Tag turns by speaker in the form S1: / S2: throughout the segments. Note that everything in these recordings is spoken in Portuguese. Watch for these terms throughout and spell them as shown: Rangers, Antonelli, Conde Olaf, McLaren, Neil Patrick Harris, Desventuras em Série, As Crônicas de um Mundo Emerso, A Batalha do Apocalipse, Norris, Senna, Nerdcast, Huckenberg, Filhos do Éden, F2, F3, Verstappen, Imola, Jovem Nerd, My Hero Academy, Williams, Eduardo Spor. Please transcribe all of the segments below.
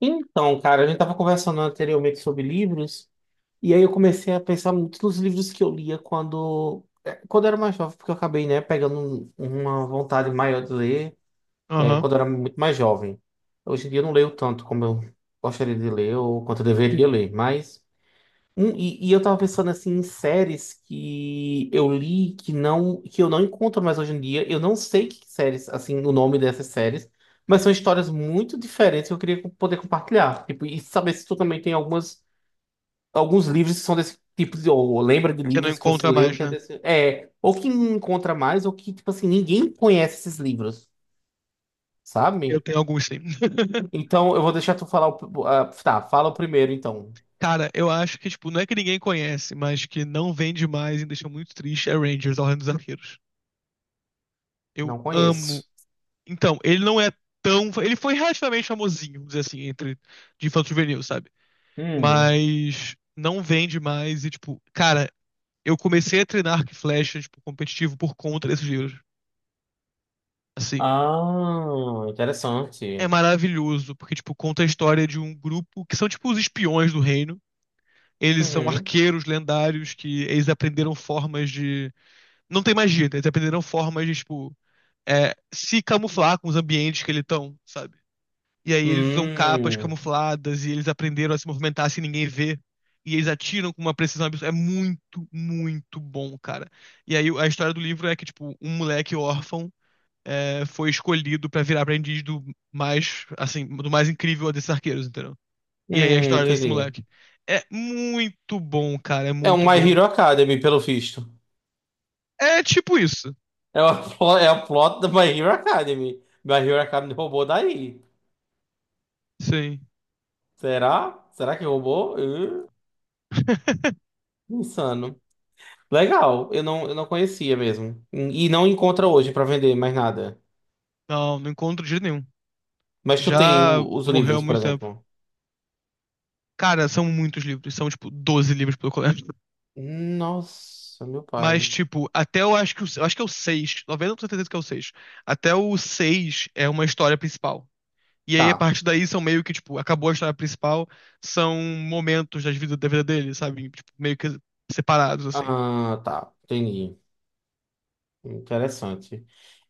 S1: Então, cara, a gente tava conversando anteriormente sobre livros, e aí eu comecei a pensar muito nos livros que eu lia quando, quando eu era mais jovem, porque eu acabei, né, pegando uma vontade maior de ler,
S2: Aham.
S1: quando eu era muito mais jovem. Hoje em dia eu não leio tanto como eu gostaria de ler ou quanto eu deveria ler, mas. E eu tava pensando assim em séries que eu li que eu não encontro mais hoje em dia. Eu não sei que séries, assim, o nome dessas séries, mas são histórias muito diferentes que eu queria poder compartilhar. Tipo, e saber se tu também tem algumas alguns livros que são desse tipo de, ou lembra de
S2: Que não
S1: livros que você
S2: encontra
S1: leu
S2: mais,
S1: que é
S2: né?
S1: desse, ou que encontra mais ou que tipo assim ninguém conhece esses livros,
S2: Eu
S1: sabe?
S2: tenho alguns sim.
S1: Então eu vou deixar tu falar ah, tá, fala o primeiro então.
S2: Cara, eu acho que, tipo, não é que ninguém conhece, mas que não vende mais e deixa muito triste é Rangers, a Ordem dos Arqueiros. Eu
S1: Não
S2: amo.
S1: conheço.
S2: Então, ele não é tão. Ele foi relativamente famosinho, vamos dizer assim, entre de infanto juvenil, sabe? Mas não vende mais e, tipo, cara, eu comecei a treinar arco e flecha, tipo, competitivo por conta desses livros. Assim,
S1: Ah,
S2: é
S1: interessante.
S2: maravilhoso, porque, tipo, conta a história de um grupo que são, tipo, os espiões do reino. Eles são
S1: Uhum.
S2: arqueiros lendários que eles aprenderam formas de. Não tem magia, né? Eles aprenderam formas de, tipo, se camuflar com os ambientes que eles estão, sabe? E aí eles usam capas
S1: Hum,
S2: camufladas e eles aprenderam a se movimentar sem ninguém ver. E eles atiram com uma precisão absurda. É muito, muito bom, cara. E aí a história do livro é que, tipo, um moleque órfão foi escolhido pra virar aprendiz do mais, assim, do mais incrível desses arqueiros, entendeu? E aí a história desse
S1: entendi.
S2: moleque. É muito bom, cara, é
S1: É um
S2: muito
S1: My
S2: bom.
S1: Hero Academy, pelo visto.
S2: É tipo isso.
S1: É o é o plot do My Hero Academy. My Hero Academy roubou daí.
S2: Sim.
S1: Será? Será que roubou? Insano. Legal, eu não conhecia mesmo. E não encontra hoje pra vender mais nada.
S2: Não, não encontro de jeito nenhum.
S1: Mas tu tem
S2: Já
S1: os
S2: morreu há
S1: livros, por
S2: muito tempo.
S1: exemplo.
S2: Cara, são muitos livros, são tipo 12 livros pelo colégio.
S1: Nossa, meu
S2: Mas
S1: pai.
S2: tipo, até eu acho que o, eu acho que é o 6, 90% certeza que é o 6. Até o 6 é uma história principal. E aí a
S1: Tá.
S2: partir daí são meio que tipo, acabou a história principal, são momentos das vida, da vida dele, sabe? Tipo, meio que separados assim.
S1: Ah, tá. Entendi. Interessante.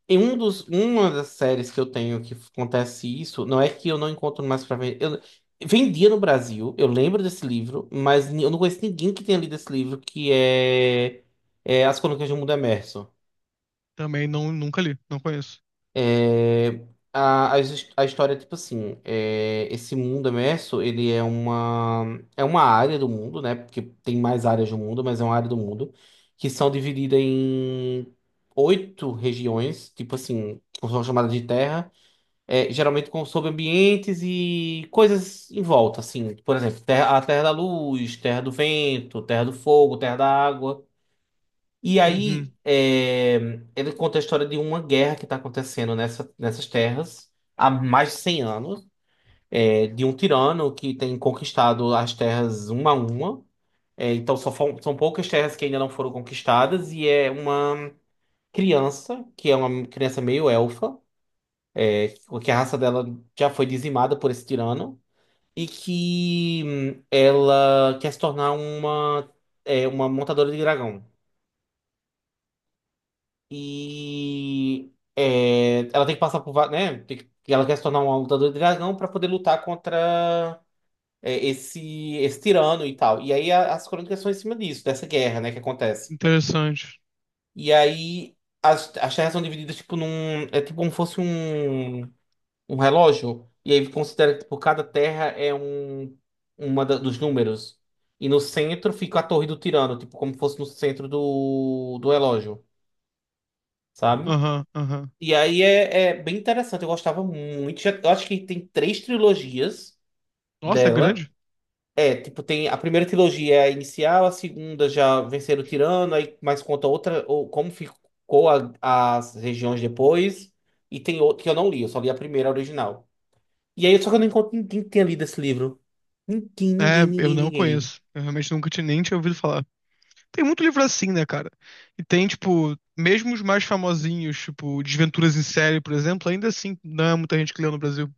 S1: Em uma das séries que eu tenho que acontece isso, não é que eu não encontro mais pra vender. Eu vendia no Brasil, eu lembro desse livro, mas eu não conheço ninguém que tenha lido esse livro, é As Crônicas de um Mundo Emerso.
S2: Também não nunca li, não conheço.
S1: É, a história é tipo assim, é, esse mundo emerso, é uma área do mundo, né? Porque tem mais áreas do mundo, mas é uma área do mundo, que são divididas em oito regiões, tipo assim, são chamadas de terra. É, geralmente com, sobre ambientes e coisas em volta, assim. Por exemplo, a terra da luz, terra do vento, terra do fogo, terra da água. E
S2: Uhum.
S1: aí, é, ele conta a história de uma guerra que está acontecendo nessas terras há mais de 100 anos, é, de um tirano que tem conquistado as terras uma a uma. É, então, são poucas terras que ainda não foram conquistadas, e é uma criança, que é uma criança meio elfa, é, que a raça dela já foi dizimada por esse tirano. E que ela quer se tornar uma montadora de dragão. E é, ela tem que passar por, né? Ela quer se tornar uma lutadora de dragão para poder lutar contra esse tirano e tal. E aí as crônicas são em cima disso, dessa guerra, né, que acontece.
S2: Interessante.
S1: E aí as terras são divididas tipo num, é tipo como fosse um relógio, e aí considera que por cada terra é um dos números. E no centro fica a torre do tirano, tipo, como fosse no centro do relógio, sabe?
S2: Aham, aham.
S1: E aí é, é bem interessante, eu gostava muito. Eu acho que tem três trilogias
S2: Nossa, é
S1: dela.
S2: grande?
S1: É, tipo, tem a primeira trilogia é a inicial, a segunda já venceram o tirano, aí mais conta outra, ou como ficou as regiões depois. E tem outro que eu não li, eu só li a primeira original. E aí, só que eu não encontro ninguém que tenha lido esse livro. Ninguém,
S2: É,
S1: ninguém,
S2: eu
S1: ninguém,
S2: não
S1: ninguém.
S2: conheço. Eu realmente nunca tinha, nem tinha ouvido falar. Tem muito livro assim, né, cara? E tem, tipo, mesmo os mais famosinhos, tipo, Desventuras em Série, por exemplo, ainda assim, não é muita gente que leu no Brasil.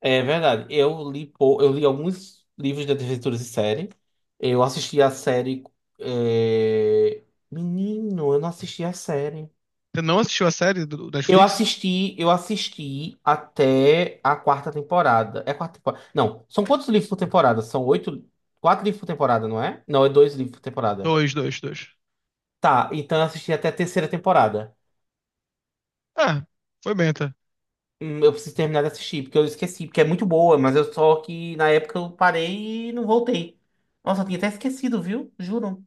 S1: É verdade. Eu li alguns livros de aventuras em Série. Eu assisti a série. é, Menino, eu não assisti a série.
S2: Você não assistiu a série do, da
S1: Eu
S2: Netflix?
S1: assisti, até a quarta temporada. É a quarta temporada. Não, são quantos livros por temporada? São oito. Quatro livros por temporada, não é? Não, é dois livros por temporada.
S2: Dois, dois, dois.
S1: Tá, então eu assisti até a terceira temporada.
S2: Ah, foi bem até.
S1: Eu preciso terminar de assistir, porque eu esqueci, porque é muito boa, mas eu só que na época eu parei e não voltei. Nossa, eu tinha até esquecido, viu? Juro.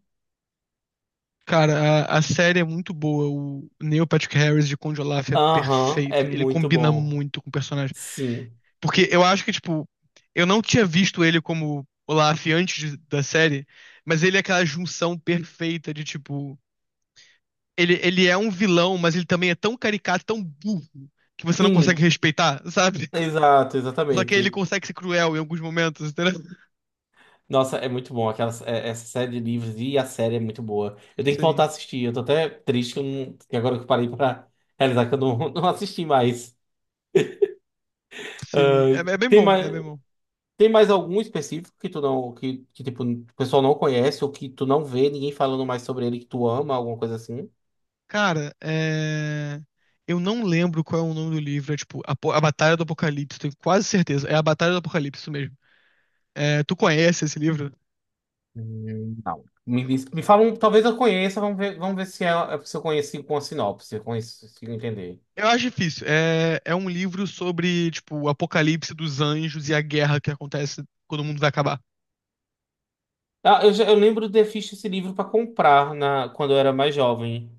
S2: Cara, a série é muito boa. O Neil Patrick Harris de Conde Olaf é
S1: Aham, é
S2: perfeito. Ele
S1: muito
S2: combina
S1: bom.
S2: muito com o personagem.
S1: Sim.
S2: Porque eu acho que, tipo, eu não tinha visto ele como Olaf antes da série, mas ele é aquela junção perfeita de, tipo, ele é um vilão, mas ele também é tão caricato, tão burro, que você não consegue
S1: Sim,
S2: respeitar, sabe?
S1: exato,
S2: Só que ele
S1: exatamente.
S2: consegue ser cruel em alguns momentos, entendeu?
S1: Nossa, é muito bom. Aquela, essa série de livros e a série é muito boa. Eu tenho que voltar
S2: Sim,
S1: a assistir. Eu tô até triste que, eu não- que agora que eu parei pra realizar que eu não, não assisti mais. Ah,
S2: sim. É, é bem
S1: tem
S2: bom, é
S1: mais.
S2: bem bom.
S1: Tem mais algum específico que tu não, que tipo, o pessoal não conhece ou que tu não vê ninguém falando mais sobre ele que tu ama, alguma coisa assim?
S2: Cara, é... eu não lembro qual é o nome do livro, é tipo, A Batalha do Apocalipse, tenho quase certeza. É A Batalha do Apocalipse, isso mesmo. É, tu conhece esse livro?
S1: Não. Me fala um, talvez eu conheça, vamos ver se, se eu conheci com a sinopse, se eu consigo entender.
S2: Eu acho difícil. É, é um livro sobre, tipo, o apocalipse dos anjos e a guerra que acontece quando o mundo vai acabar.
S1: Ah, eu lembro de ter visto esse livro para comprar na, quando eu era mais jovem.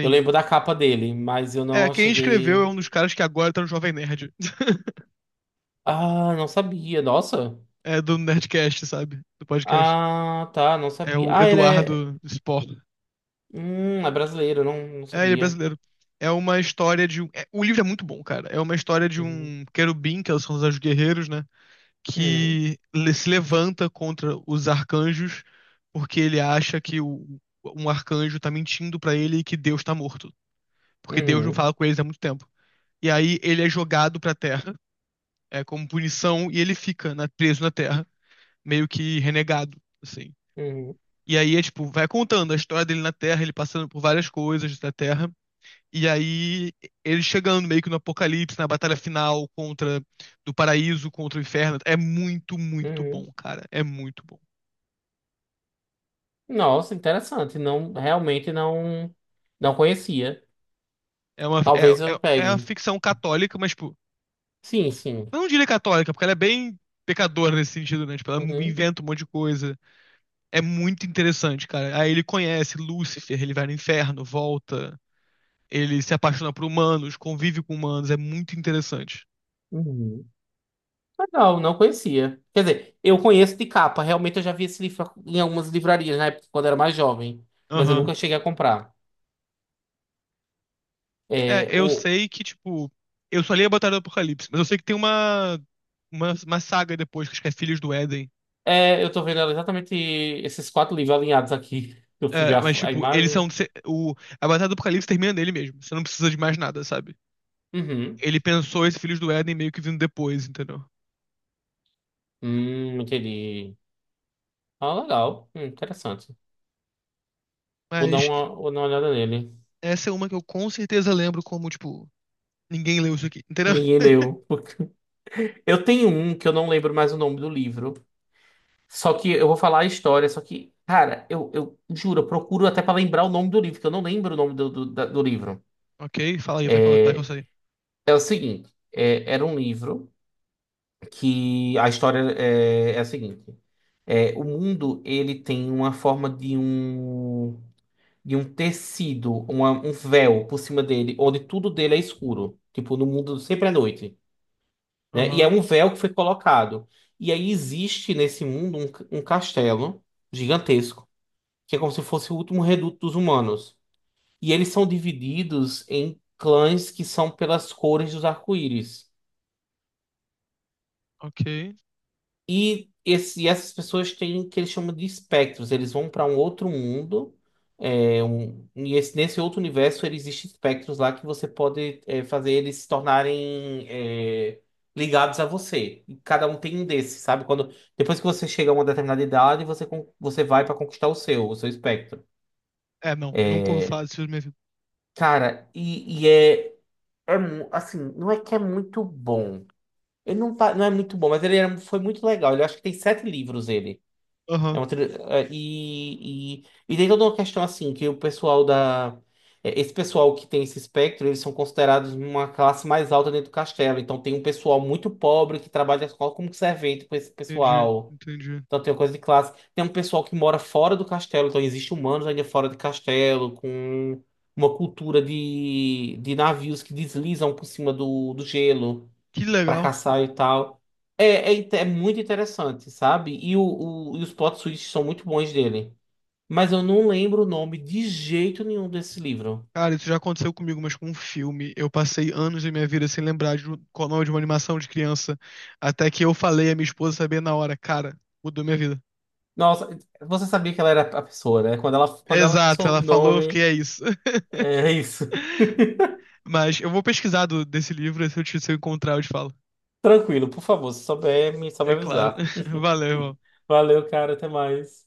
S1: Eu lembro da capa dele, mas eu
S2: É,
S1: não
S2: quem escreveu é
S1: cheguei.
S2: um dos caras que agora tá no Jovem Nerd.
S1: Ah, não sabia, nossa.
S2: É do Nerdcast, sabe? Do podcast.
S1: Ah, tá, não
S2: É
S1: sabia.
S2: o
S1: Ah, ele é.
S2: Eduardo Spor.
S1: É brasileiro, não, não
S2: É, ele é
S1: sabia.
S2: brasileiro. É uma história de um. O livro é muito bom, cara. É uma história de
S1: Uhum.
S2: um querubim, que são os anjos guerreiros, né?
S1: Hum.
S2: Se levanta contra os arcanjos porque ele acha que o, um arcanjo tá mentindo pra ele e que Deus tá morto. Porque Deus não
S1: Uhum,
S2: fala com eles há muito tempo. E aí ele é jogado pra Terra, é como punição, e ele fica preso na Terra, meio que renegado, assim.
S1: uhum,
S2: E aí é tipo, vai contando a história dele na Terra, ele passando por várias coisas da Terra, e aí ele chegando meio que no apocalipse, na batalha final contra do paraíso contra o inferno. É muito, muito bom,
S1: uhum.
S2: cara. É muito bom.
S1: Nossa, interessante. Não, realmente não conhecia.
S2: É uma,
S1: Talvez
S2: é,
S1: eu
S2: é uma
S1: pegue.
S2: ficção católica, mas, tipo,
S1: Sim, sim.
S2: eu não diria católica, porque ela é bem pecadora nesse sentido, né? Tipo, ela
S1: Uhum,
S2: inventa um monte de coisa. É muito interessante, cara. Aí ele conhece Lúcifer, ele vai no inferno, volta, ele se apaixona por humanos, convive com humanos, é muito interessante.
S1: uhum. Legal, não conhecia. Quer dizer, eu conheço de capa. Realmente eu já vi esse livro em algumas livrarias na época, quando era mais jovem. Mas eu
S2: Aham.
S1: nunca cheguei a comprar.
S2: É,
S1: É,
S2: eu
S1: o,
S2: sei que, tipo, eu só li a Batalha do Apocalipse, mas eu sei que tem uma saga depois, que acho que é Filhos do Éden.
S1: eu tô vendo exatamente esses quatro livros alinhados aqui. Eu fui ver
S2: É, mas,
S1: a
S2: tipo, eles
S1: imagem.
S2: são. O, a Batalha do Apocalipse termina nele mesmo. Você não precisa de mais nada, sabe?
S1: Uhum.
S2: Ele pensou esse Filhos do Éden meio que vindo depois, entendeu?
S1: Entendi. Ah, legal. Interessante.
S2: Mas
S1: Vou dar uma olhada nele.
S2: essa é uma que eu com certeza lembro como, tipo, ninguém leu isso aqui, entendeu?
S1: Ninguém leu. Eu tenho um que eu não lembro mais o nome do livro. Só que eu vou falar a história. Só que, cara, eu juro, eu procuro até pra lembrar o nome do livro, que eu não lembro o nome do livro.
S2: Ok, fala aí, vai que eu sei.
S1: É o seguinte: é, era um livro que a história é a seguinte: é, o mundo ele tem uma forma de um tecido, um véu por cima dele, onde tudo dele é escuro. Tipo, no mundo sempre é noite. Né? E é
S2: Aham,
S1: um véu que foi colocado. E aí existe nesse mundo um castelo gigantesco, que é como se fosse o último reduto dos humanos. E eles são divididos em clãs que são pelas cores dos arco-íris.
S2: ok.
S1: E, esse, e essas pessoas têm o que eles chamam de espectros. Eles vão para um outro mundo. Nesse outro universo ele existe espectros lá que você pode fazer eles se tornarem ligados a você. E cada um tem um desses, sabe? Quando, depois que você chega a uma determinada idade, você vai para conquistar o seu espectro.
S2: É, não, nunca ouvi falar disso na minha vida.
S1: Cara, é assim, não é que é muito bom. Ele não, tá- não é muito bom, mas foi muito legal. Ele acho que tem sete livros ele. É
S2: Aham,
S1: uma e tem toda uma questão assim, que o pessoal da. Esse pessoal que tem esse espectro, eles são considerados uma classe mais alta dentro do castelo. Então tem um pessoal muito pobre que trabalha só como servente com esse pessoal.
S2: entendi.
S1: Então tem uma coisa de classe. Tem um pessoal que mora fora do castelo, então existem humanos ainda fora do castelo, com uma cultura de navios que deslizam por cima do gelo
S2: Que
S1: pra
S2: legal.
S1: caçar e tal. É, é muito interessante, sabe? E os plot twists são muito bons dele. Mas eu não lembro o nome de jeito nenhum desse livro.
S2: Cara, isso já aconteceu comigo, mas com um filme. Eu passei anos da minha vida sem lembrar de um, qual o nome de uma animação de criança. Até que eu falei a minha esposa sabia na hora. Cara, mudou minha vida.
S1: Nossa, você sabia que ela era a pessoa, né? Quando ela
S2: Exato, ela
S1: soube o
S2: falou, eu fiquei,
S1: nome,
S2: é isso.
S1: é isso.
S2: Mas eu vou pesquisar desse livro, se eu encontrar, eu te falo.
S1: Tranquilo, por favor, se souber, só me
S2: É claro.
S1: avisar.
S2: Valeu, irmão.
S1: Valeu, cara, até mais.